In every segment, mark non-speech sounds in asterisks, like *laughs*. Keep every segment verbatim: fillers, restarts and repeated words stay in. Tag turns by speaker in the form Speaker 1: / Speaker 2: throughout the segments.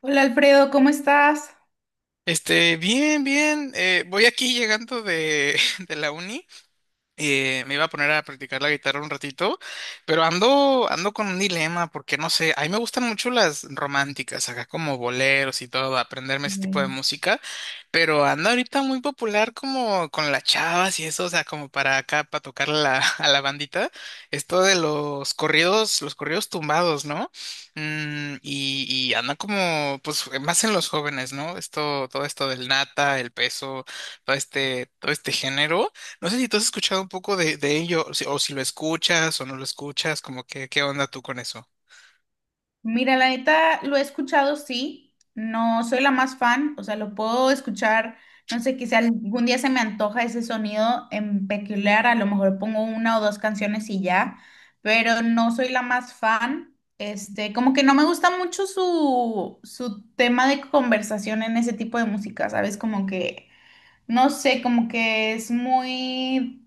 Speaker 1: Hola Alfredo, ¿cómo estás?
Speaker 2: Este, bien, bien. Eh, voy aquí llegando de, *laughs* de la uni. Eh, me iba a poner a practicar la guitarra un ratito, pero ando, ando con un dilema porque no sé, a mí me gustan mucho las románticas, acá como boleros y todo, aprenderme ese tipo de música, pero ando ahorita muy popular como con las chavas y eso, o sea, como para acá, para tocar la, *laughs* a la bandita, esto de los corridos, los corridos tumbados, ¿no? Mm, y, y anda como, pues, más en los jóvenes, ¿no? Esto, todo esto del nata, el peso, todo este, todo este género. No sé si tú has escuchado un poco de, de ello, o si, o si lo escuchas o no lo escuchas, como que, ¿qué onda tú con eso?
Speaker 1: Mira, la neta lo he escuchado, sí. No soy la más fan, o sea, lo puedo escuchar, no sé, quizá algún día se me antoja ese sonido en peculiar, a lo mejor pongo una o dos canciones y ya, pero no soy la más fan. Este, como que no me gusta mucho su, su tema de conversación en ese tipo de música, ¿sabes? Como que, no sé, como que es muy,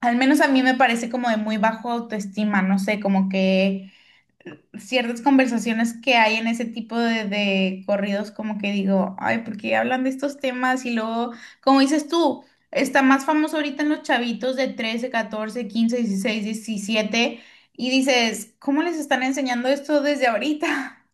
Speaker 1: al menos a mí me parece como de muy bajo autoestima, no sé, como que ciertas conversaciones que hay en ese tipo de, de corridos, como que digo, ay, ¿por qué hablan de estos temas? Y luego, como dices tú, está más famoso ahorita en los chavitos de trece catorce quince dieciséis diecisiete y dices, ¿cómo les están enseñando esto desde ahorita?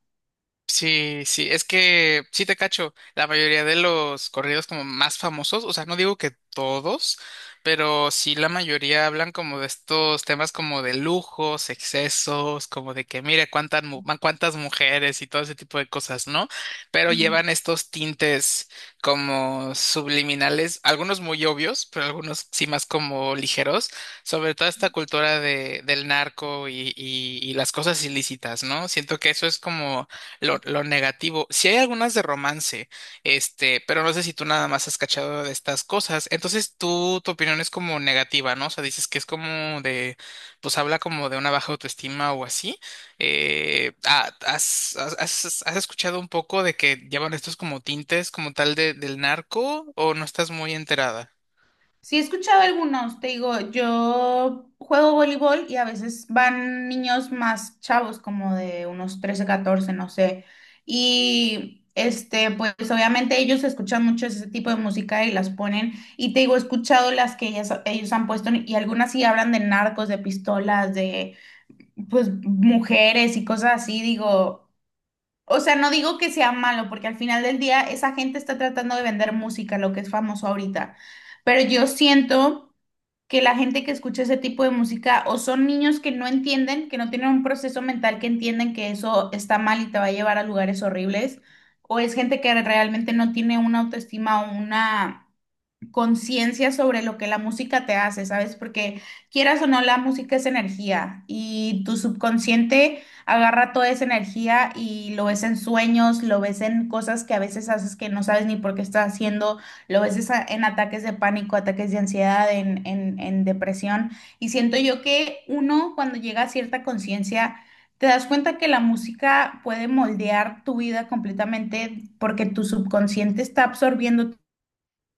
Speaker 2: Sí, sí, es que sí te cacho, la mayoría de los corridos como más famosos, o sea, no digo que todos, pero sí la mayoría hablan como de estos temas como de lujos, excesos, como de que mire cuántas mu- ma- cuántas mujeres y todo ese tipo de cosas, ¿no? Pero llevan estos tintes como subliminales, algunos muy obvios, pero algunos sí más como ligeros, sobre toda esta cultura de del narco y y y las cosas ilícitas, ¿no? Siento que eso es como lo, lo negativo. Si hay algunas de romance, este, pero no sé si tú nada más has cachado de estas cosas. Entonces, tú, tu opinión es como negativa, ¿no? O sea, dices que es como de, pues habla como de una baja autoestima o así. Eh, ah, ¿has, has, has- has escuchado un poco de que llevan estos como tintes como tal de, del narco o no estás muy enterada?
Speaker 1: Sí, he escuchado algunos, te digo, yo juego voleibol y a veces van niños más chavos, como de unos trece, catorce, no sé. Y este, pues obviamente ellos escuchan mucho ese tipo de música y las ponen. Y te digo, he escuchado las que ellas, ellos han puesto y algunas sí hablan de narcos, de pistolas, de pues mujeres y cosas así. Digo, o sea, no digo que sea malo, porque al final del día esa gente está tratando de vender música, lo que es famoso ahorita. Pero yo siento que la gente que escucha ese tipo de música o son niños que no entienden, que no tienen un proceso mental que entienden que eso está mal y te va a llevar a lugares horribles, o es gente que realmente no tiene una autoestima o una conciencia sobre lo que la música te hace, ¿sabes? Porque quieras o no, la música es energía y tu subconsciente agarra toda esa energía y lo ves en sueños, lo ves en cosas que a veces haces que no sabes ni por qué estás haciendo, lo ves esa- en ataques de pánico, ataques de ansiedad, en, en, en depresión. Y siento yo que uno cuando llega a cierta conciencia... Te das cuenta que la música puede moldear tu vida completamente porque tu subconsciente está absorbiendo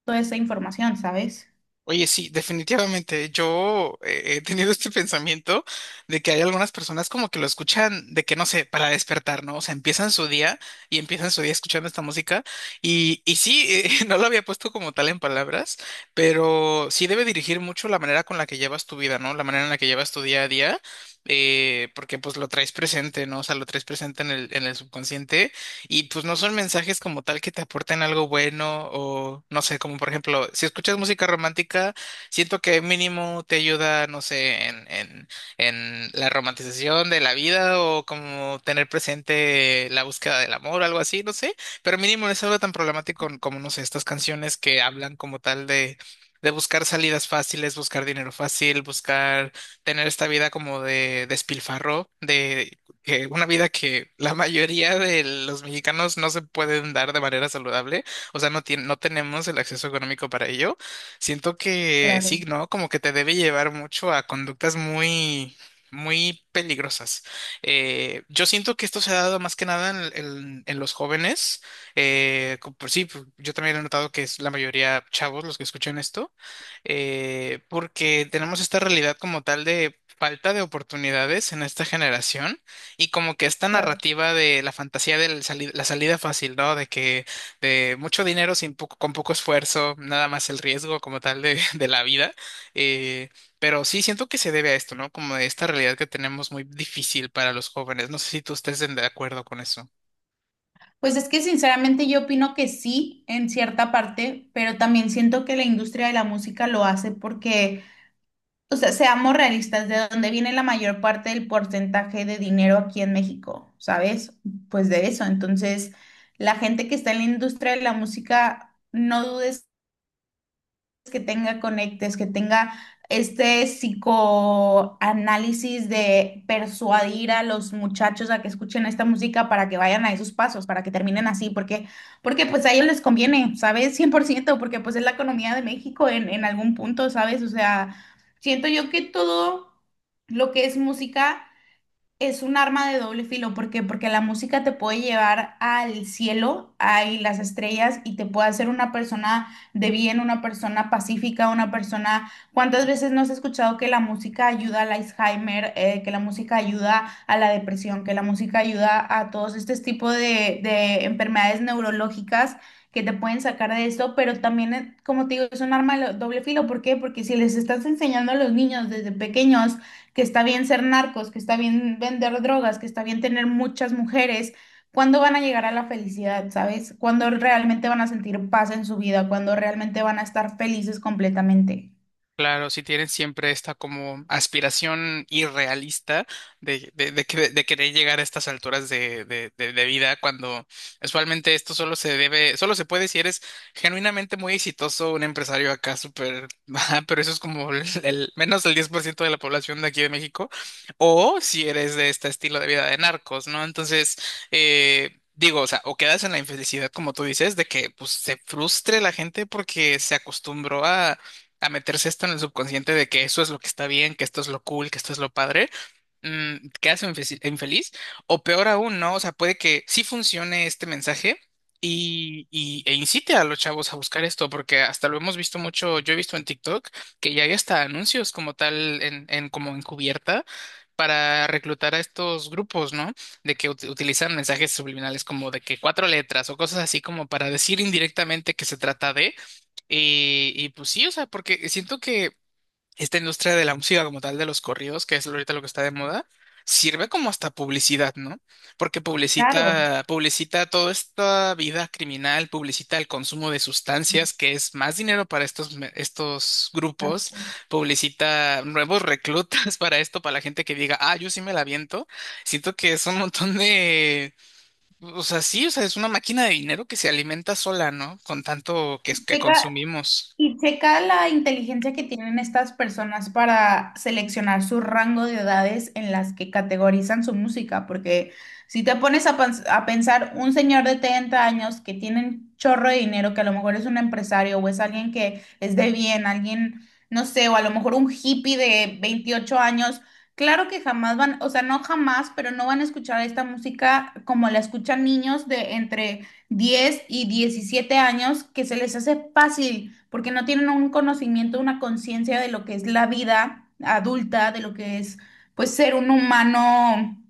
Speaker 1: toda esa información, ¿sabes?
Speaker 2: Oye, sí, definitivamente. Yo eh, he tenido este pensamiento de que hay algunas personas como que lo escuchan de que no sé, para despertar, ¿no? O sea, empiezan su día y empiezan su día escuchando esta música. Y, y sí, eh, *laughs* no lo había puesto como tal en palabras, pero sí debe dirigir mucho la manera con la que llevas tu vida, ¿no? La manera en la que llevas tu día a día, eh, porque pues lo traes presente, ¿no? O sea, lo traes presente en el, en el subconsciente y pues no son mensajes como tal que te aporten algo bueno o no sé, como por ejemplo, si escuchas música romántica, siento que mínimo te ayuda, no sé, en, en, en la romantización de la vida o como tener presente la búsqueda del amor, algo así, no sé, pero mínimo no es algo tan problemático como, no sé, estas canciones que hablan como tal de... de buscar salidas fáciles, buscar dinero fácil, buscar tener esta vida como de despilfarro, de, que una vida que la mayoría de los mexicanos no se pueden dar de manera saludable, o sea, no tien- no tenemos el acceso económico para ello. Siento que sí,
Speaker 1: Claro,
Speaker 2: ¿no? Como que te debe llevar mucho a conductas muy muy peligrosas. Eh, yo siento que esto se ha dado más que nada en, en- en los jóvenes. Eh, co- pues sí, pues yo también he notado que es la mayoría chavos los que escuchan esto, eh, porque tenemos esta realidad como tal de falta de oportunidades en esta generación y como que esta
Speaker 1: claro.
Speaker 2: narrativa de la fantasía de la salida fácil, ¿no? De que de mucho dinero sin poco, con poco esfuerzo, nada más el riesgo como tal de, *laughs* de la vida. Eh, pero sí, siento que se debe a esto, ¿no? Como de esta realidad que tenemos muy difícil para los jóvenes. No sé si tú estés en- de acuerdo con eso.
Speaker 1: Pues es que sinceramente yo opino que sí, en cierta parte, pero también siento que la industria de la música lo hace porque, o sea, seamos realistas, de dónde viene la mayor parte del porcentaje de dinero aquí en México, ¿sabes? Pues de eso. Entonces, la gente que está en la industria de la música, no dudes que tenga conectes, que tenga este psicoanálisis de persuadir a los muchachos a que escuchen esta música para que vayan a esos pasos, para que terminen así, porque, porque pues a ellos les conviene, ¿sabes? Cien por ciento, porque pues es la economía de México en, en algún punto, ¿sabes? O sea, siento yo que todo lo que es música es un arma de doble filo, ¿por qué? Porque la música te puede llevar al cielo, a las estrellas y te puede hacer una persona de bien, una persona pacífica, una persona... ¿Cuántas veces no has escuchado que la música ayuda al Alzheimer, eh, que la música ayuda a la depresión, que la música ayuda a todos estos tipos de, de enfermedades neurológicas que te pueden sacar de esto? Pero también, eh, como te digo, es un arma de doble filo, ¿por qué? Porque si les estás enseñando a los niños desde pequeños, que está bien ser narcos, que está bien vender drogas, que está bien tener muchas mujeres, ¿cuándo van a llegar a la felicidad, sabes? ¿Cuándo realmente van a sentir paz en su vida? ¿Cuándo realmente van a estar felices completamente?
Speaker 2: Claro, si tienen siempre esta como aspiración irrealista de, de, de, que- de querer llegar a estas alturas de, de, de, de vida, cuando usualmente esto solo se debe, solo se puede si eres genuinamente muy exitoso, un empresario acá súper, *laughs* ajá, pero eso es como el, el- menos del diez por ciento de la población de aquí de México, o si eres de este estilo de vida de narcos, ¿no? Entonces, eh, digo, o sea, o quedas en la infelicidad, como tú dices, de que pues se frustre la gente porque se acostumbró a meterse esto en el subconsciente de que eso es lo que está bien, que esto es lo cool, que esto es lo padre, mm, te quedas infeliz, infeliz. O peor aún, ¿no? O sea, puede que sí funcione este mensaje y, y, e incite a los chavos a buscar esto, porque hasta lo hemos visto mucho, yo he visto en TikTok que ya hay hasta anuncios como tal, en, en como encubierta para reclutar a estos grupos, ¿no? De que ut- utilizan mensajes subliminales como de que cuatro letras o cosas así como para decir indirectamente que se trata de, y, y pues sí, o sea, porque siento que esta industria de la música como tal, de los corridos, que es ahorita lo que está de moda, sirve como hasta publicidad, ¿no? Porque
Speaker 1: Claro,
Speaker 2: publicita, publicita toda esta vida criminal, publicita el consumo de sustancias, que es más dinero para estos, me- estos
Speaker 1: claro.
Speaker 2: grupos, publicita nuevos reclutas *laughs* para esto, para la gente que diga, ah, yo sí me la viento. Siento que es un montón de... O sea, sí, o sea, es una máquina de dinero que se alimenta sola, ¿no? Con tanto que, que
Speaker 1: Chica,
Speaker 2: consumimos.
Speaker 1: y checa la inteligencia que tienen estas personas para seleccionar su rango de edades en las que categorizan su música, porque si te pones a, pens- a pensar un señor de treinta años que tiene un chorro de dinero, que a lo mejor es un empresario o es alguien que es de bien, alguien, no sé, o a lo mejor un hippie de veintiocho años, claro que jamás van, o sea, no jamás, pero no van a escuchar esta música como la escuchan niños de entre diez y diecisiete años que se les hace fácil porque no tienen un conocimiento, una conciencia de lo que es la vida adulta, de lo que es pues ser un humano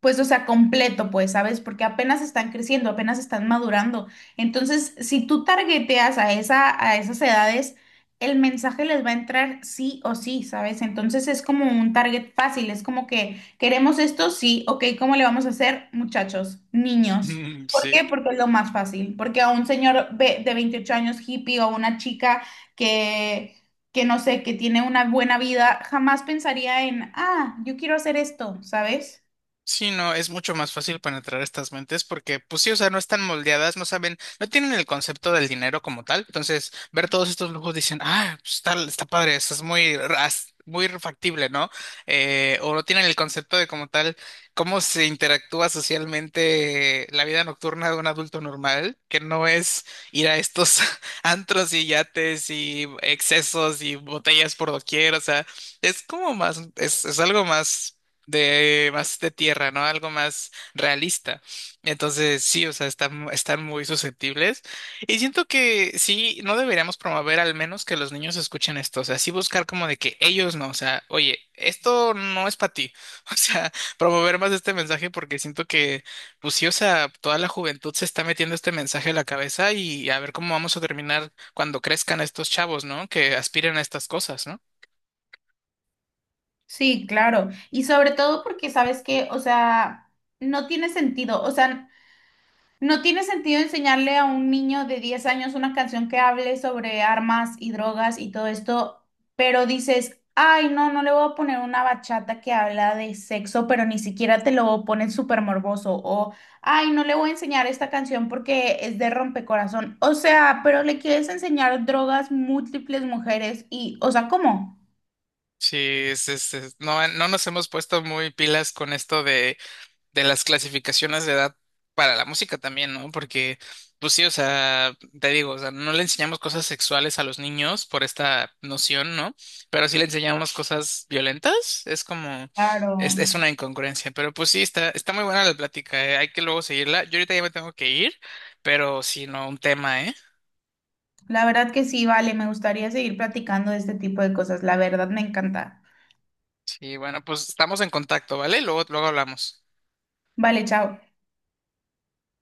Speaker 1: pues, o sea, completo, pues, ¿sabes? Porque apenas están creciendo, apenas están madurando. Entonces, si tú targeteas a esa, a esas edades, el mensaje les va a entrar sí o sí, ¿sabes? Entonces es como un target fácil, es como que queremos esto, sí, ok, ¿cómo le vamos a hacer, muchachos, niños?
Speaker 2: Mm,
Speaker 1: ¿Por
Speaker 2: sí.
Speaker 1: qué? Porque es lo más fácil. Porque a un señor ve- de veintiocho años hippie o a una chica que, que no sé, que tiene una buena vida, jamás pensaría en, ah, yo quiero hacer esto, ¿sabes?
Speaker 2: Sí, no, es mucho más fácil penetrar estas mentes porque, pues sí, o sea, no están moldeadas, no saben, no tienen el concepto del dinero como tal. Entonces, ver todos estos lujos dicen, ah, pues está, está padre, eso es muy, ras- muy factible, ¿no? Eh, o no tienen el concepto de como tal, cómo se interactúa socialmente la vida nocturna de un adulto normal, que no es ir a estos *laughs* antros y yates y excesos y botellas por doquier, o sea, es como más, es, es algo más de más de tierra, ¿no? Algo más realista. Entonces, sí, o sea, están, están muy susceptibles. Y siento que sí, no deberíamos promover al menos que los niños escuchen esto. O sea, sí buscar como de que ellos no, o sea, oye, esto no es para ti. *laughs* O sea, promover más este mensaje porque siento que, pues sí, o sea, toda la juventud se está metiendo este mensaje a la cabeza y a ver cómo vamos a terminar cuando crezcan estos chavos, ¿no? Que aspiren a estas cosas, ¿no?
Speaker 1: Sí, claro. Y sobre todo porque sabes que, o sea, no tiene sentido, o sea, no tiene sentido enseñarle a un niño de diez años una canción que hable sobre armas y drogas y todo esto, pero dices, ay, no, no le voy a poner una bachata que habla de sexo, pero ni siquiera te lo ponen súper morboso, o ay, no le voy a enseñar esta canción porque es de rompecorazón, o sea, pero le quieres enseñar drogas, múltiples mujeres y, o sea, ¿cómo?
Speaker 2: Sí, es, es- es- no, no nos hemos puesto muy pilas con esto de, de las clasificaciones de edad para la música también, ¿no? Porque, pues sí, o sea, te digo, o sea, no le enseñamos cosas sexuales a los niños por esta noción, ¿no? Pero sí le enseñamos cosas violentas, es como,
Speaker 1: Claro.
Speaker 2: es, es una incongruencia, pero pues sí, está, está muy buena la plática, ¿eh? Hay que luego seguirla. Yo ahorita ya me tengo que ir, pero sí, no, un tema, ¿eh?
Speaker 1: La verdad que sí, vale, me gustaría seguir platicando de este tipo de cosas. La verdad me encanta.
Speaker 2: Sí, bueno, pues estamos en contacto, ¿vale? Luego, luego hablamos.
Speaker 1: Vale, chao.